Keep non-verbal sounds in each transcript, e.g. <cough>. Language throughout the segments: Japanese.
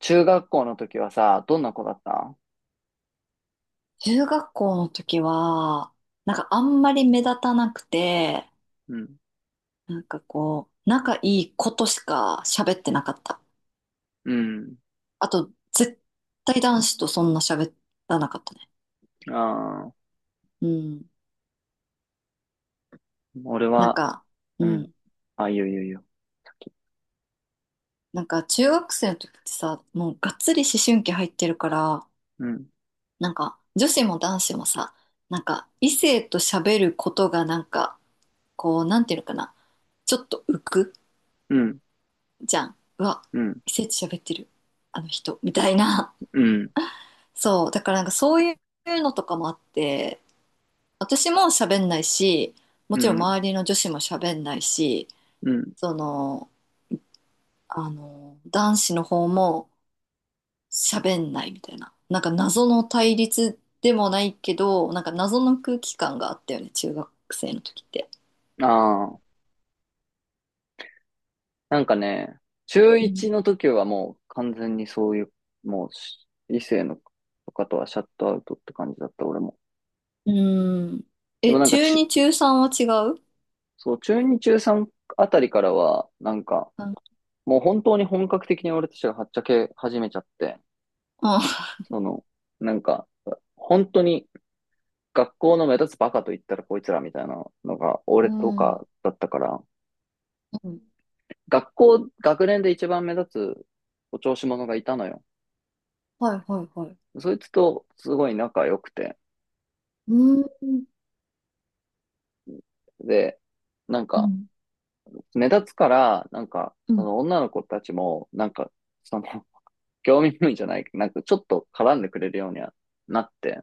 中学校の時はさ、どんな子だった？中学校の時は、あんまり目立たなくて、うん。こう、仲いい子としか喋ってなかった。うん。あと、絶対男子とそんな喋らなかったね。ああ、うん。俺なんは、か、ううん。ん。あ、いいよいいよいいよ。なんか中学生の時ってさ、もうがっつり思春期入ってるから、うん。なんか女子も男子もさ、なんか異性と喋ることがなんか、こう、なんていうのかな、ちょっと浮くうん。じゃん。うわ、うん。異性と喋ってる、あの人、みたいな。うん。そう、だからなんかそういうのとかもあって、私も喋んないし、もうちろんん。周りの女子も喋んないし、うん。その、あの、男子の方も喋んないみたいな。なんか謎の対立でもないけど、なんか謎の空気感があったよね、中学生の時って。ああ、なんかね、中う1ん。の時はもう完全にそういう、もうし異性のとかとはシャットアウトって感じだった、俺も。うーん、でもえ、なんか中ち、2、中3は違うそう、中2、中3あたりからは、あのもう本当に本格的に俺たちがはっちゃけ始めちゃって、その、なんか、本当に学校の目立つバカと言ったらこいつらみたいなのが、う俺とん。うん。かだったから、うん。学年で一番目立つお調子者がいたのよ。はいはいはい。そいつとすごい仲良くて。うーん。うん。で、なんか、目立つから、うそん。の女の子たちも、その、<laughs> 興味本位じゃない、なんかちょっと絡んでくれるようにはなって、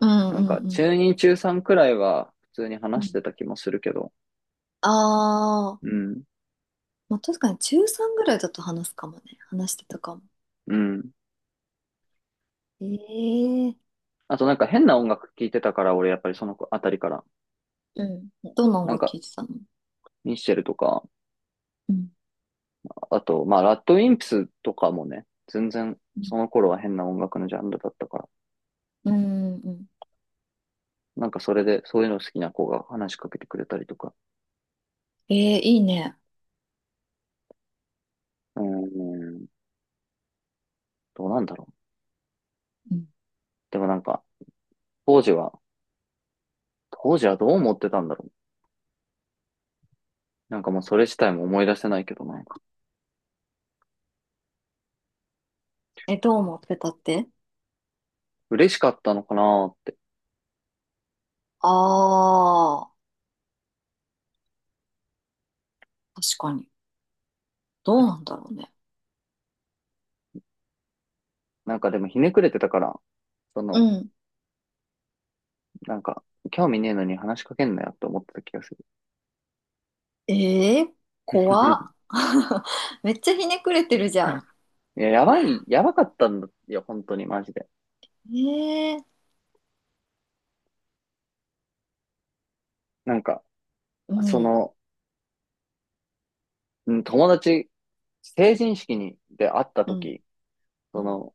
うんうんう中ん。2、中3くらいは普通にう話してん、た気もするけど、あうあ、ん、まあ、確かに中3ぐらいだと話すかもね。話してたかも。うん。ええ、あとなんか変な音楽聴いてたから、俺やっぱりその子あたりから。うん。どんな音なん楽か、聴いてたの？ミッシェルとか、うん。あと、まあ、ラッドウィンプスとかもね、全然そのう頃は変な音楽のジャンルだったから、ん。うん。なんかそれでそういうの好きな子が話しかけてくれたりとか、ええ、いいね。うーん、どうなんだろう。うん。でもなんか、当時は、当時はどう思ってたんだろう。なんかもうそれ自体も思い出せないけどね。え、どう思ってたって？嬉しかったのかなーって。ああー、確かに。どうなんだろうね。なんかでもひねくれてたから、そうの、ん。なんか、興味ねえのに話しかけんなよって思ってた気がする。ええ、怖 <laughs> っ。<laughs> めっちゃひねくれてるじゃいや、やばい、やばかったんだよ、本当に、マジで。ん。ええ、なんか、うそん。の、うん、友達、成人式に、で会ったうん。時、うそん。の、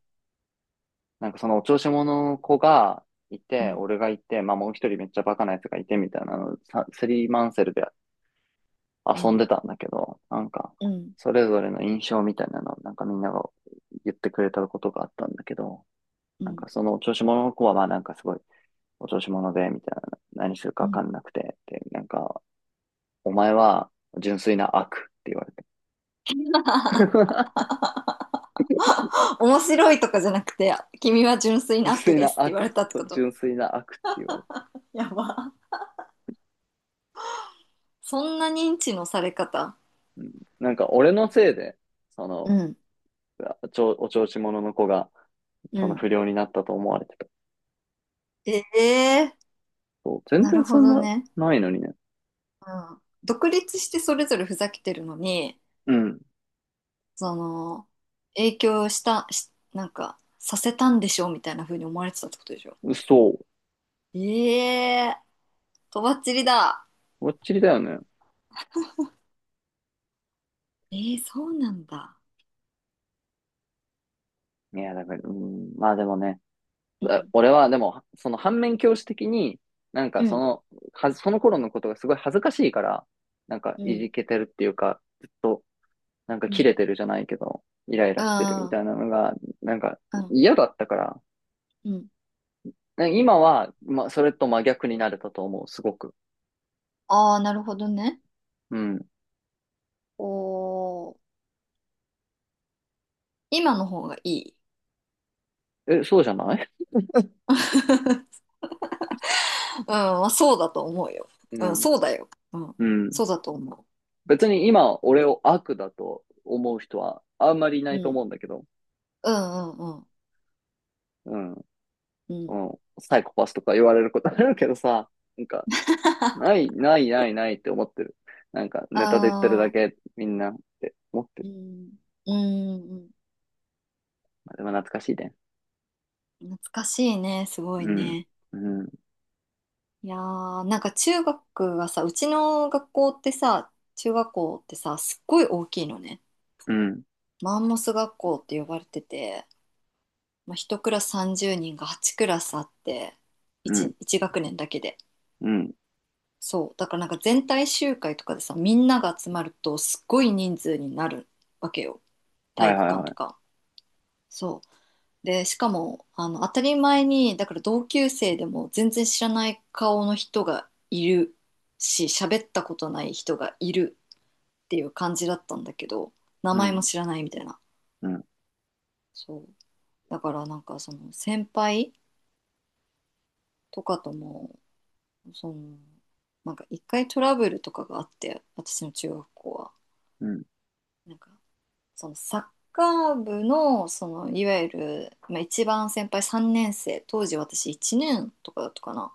なんかそのお調子者の子がいうて、ん。俺がいて、まあもう一人めっちゃバカなやつがいてみたいなの、さスリーマンセルでう遊ん。んでたんだけど、うん。それぞれの印象みたいなのをなんかみんなが言ってくれたことがあったんだけど、うなんん。かそのお調子者の子はまあなんかすごいお調子者で、みたいな、何するかうわん。かんなくて、で、なんか、お前は純粋な悪って言われて。<laughs> 面白いとかじゃなくて、君は純粋純な悪粋でなすって言われ悪。たってこと？純粋な悪って言われた。やば。そんな認知のされ方。うん。なんか俺のせいで、そうの、ん、お調子者の子が、うそのん。不良になったと思われてた。ええー、そう。全な然るそほんどな、ね。ないのにね。うん。独立してそれぞれふざけてるのに、うん。その、影響した、し、なんか、させたんでしょみたいな風に思われてたってことでしょ？そう。ええー、とばっちりだ。ぼっちりだよね。ええー、そうなんだ。いや、だから、うん。まあでもね、うん、俺はでも、その反面教師的に、なんかうそん、の、その頃のことがすごい恥ずかしいから、なんかういん、じけてるっていうか、ずっと、なんかうん。う切ん、れてるじゃないけど、イライラしてるみたいなのが、なんかうん、嫌だったから、うん。今は、まあ、それと真逆になれたと思う、すごく。ああ、なるほどね。うん。おー、今の方がいい。え、そうじゃない？ <laughs> うん、まあそうだと思うよ。ううん、ん。そうだよ。うん、うん。そうだと思別に今、俺を悪だと思う人はあんまりいなう。ういとん、思うんだけど、うん、うん、うん。うん。うそん。の、サイコパスとか言われることあるけどさ、なんか、な <laughs> い、ない、ない、ないって思ってる。なんか、ネタで言ってるだああ、け、みんなって思ってる。うん、うん、うん。まあ、でも懐かしいね。懐かしいね、すごいうん。ね。うん。いやー、なんか中学がさ、うちの学校ってさ、中学校ってさ、すっごい大きいのね。うん。マンモス学校って呼ばれてて、まあ、1クラス30人が8クラスあって、う1、ん。一学年だけで。うん。そう、だからなんか全体集会とかでさ、みんなが集まるとすっごい人数になるわけよ、は体い育はい館はとい。か。そう。でしかも、あの、当たり前にだから同級生でも全然知らない顔の人がいるし、喋ったことない人がいるっていう感じだったんだけど、名う前もん。知らないみたいな。うん。そう、だからなんかその先輩とかとも、その、なんか一回トラブルとかがあって、私の中学校は、うん。なんか、そのサッカー部の、そのいわゆる、まあ、一番先輩3年生、当時私1年とかだったかな、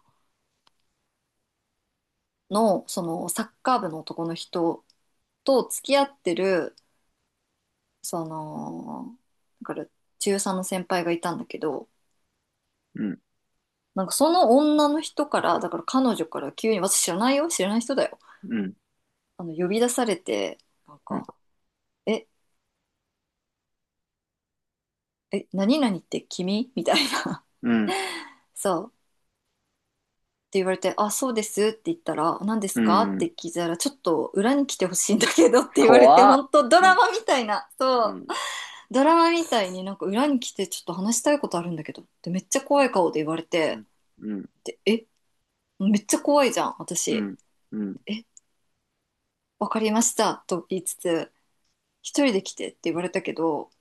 のそのサッカー部の男の人と付き合ってる、その、だから中3の先輩がいたんだけど、うん。なんかその女の人から、だから彼女から急に、私、知らないよ、知らない人だよ、うん。あの、呼び出されて、なんうん。か「え、え、何々って君?」みたいな。うん。そう言われて、あ、そうですって言ったら、何でうすかってん。聞いたら、ちょっと裏に来てほしいんだけどって言われて、怖っ。本当ドうラん、マみたいな、そうう、ん、ドラマみたいになんか裏に来てちょっと話したいことあるんだけどってめっちゃ怖い顔で言われうて、ん、うん、で、え、めっちゃ怖いじゃん、う私。ん、うん、え、わかりましたと言いつつ、一人で来てって言われたけど、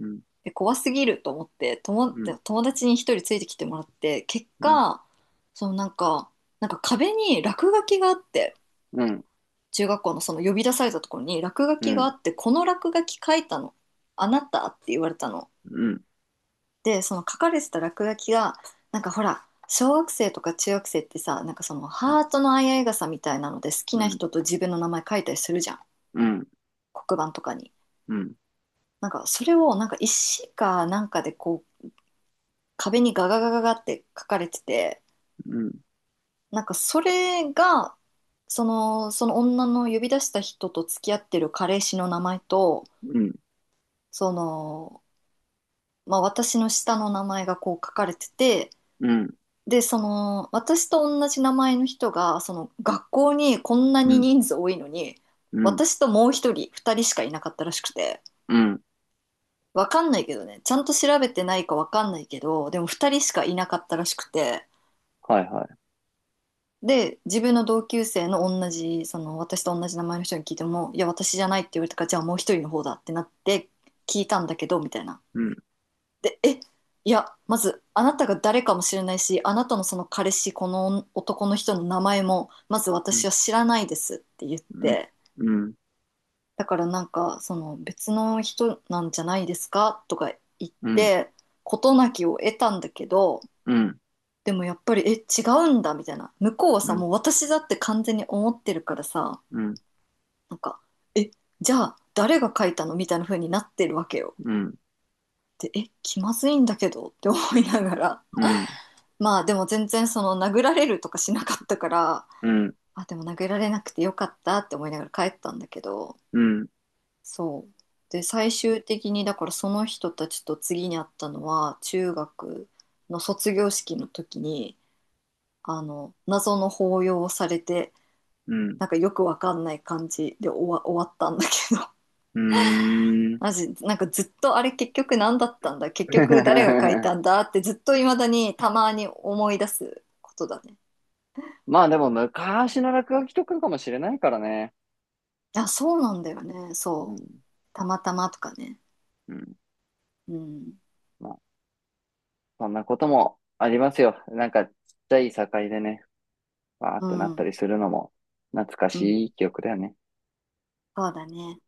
うん、え、怖すぎると思って友達に一人ついてきてもらって、結うん、果、そのなんか、なんか壁に落書きがあって、うん、中学校のその呼び出されたところに落書うきがん、あって、この落書き書いたの、あなたって言われたの。うん、で、その書かれてた落書きが、なんかほら、小学生とか中学生ってさ、なんかそのハートの相合い傘みたいなので好きうなん、うん、人と自分の名前書いたりするじゃん。うん、黒板とかに。うん、なんかそれをなんか石かなんかでこう壁にガガガガガって書かれてて、うん、なんかそれが、その、その女の呼び出した人と付き合ってる彼氏の名前と、うん、その、まあ、私の下の名前がこう書かれてて、うん、で、その、私と同じ名前の人が、その、学校にこんなうにん、人数多いのに、うん、私ともう一人、二人しかいなかったらしくて、うん、わかんないけどね、ちゃんと調べてないかわかんないけど、でも二人しかいなかったらしくて、はいはい。で、自分の同級生の同じ、その、私と同じ名前の人に聞いても、いや、私じゃないって言われたから、じゃあもう一人の方だってなって聞いたんだけど、みたいな。うん、で、え、いや、まず、あなたが誰かもしれないし、あなたのその彼氏、この男の人の名前も、まずう私ん、は知らないですって言っうん、て、うん、だからなんか、その別の人なんじゃないですかとか言っうん、て、事なきを得たんだけど、うん、うん、でもやっぱり、え、違うんだみたいな。向こうはうさ、ん、もう私だって完全に思ってるからさ、うん、なんか、え、じゃあ誰が書いたのみたいな風になってるわけよ。うん、で、え、気まずいんだけどって思いながら。うん、まあでも全然その殴られるとかしなかったから、うん、あ、でも殴られなくてよかったって思いながら帰ったんだけど、うん、そう、で最終的にだからその人たちと次に会ったのは中学の卒業式の時に、あの、謎の抱擁をされて、うん、なんかよくわかんない感じで終わったんだけど、 <laughs> ー <laughs> マジなんか、ずっとあれ結局何だったんだ、結局誰が書いたんだってずっと未だにたまに思い出すことだね。まあでも昔の落書きとかかもしれないからね。あ、そうなんだよね。うそう。ん、たまたまとかね。うん。うん。そんなこともありますよ。ちっちゃい境でね、わーっうてなったん。りするのも、懐かうん。しい記憶だよね。そうだね。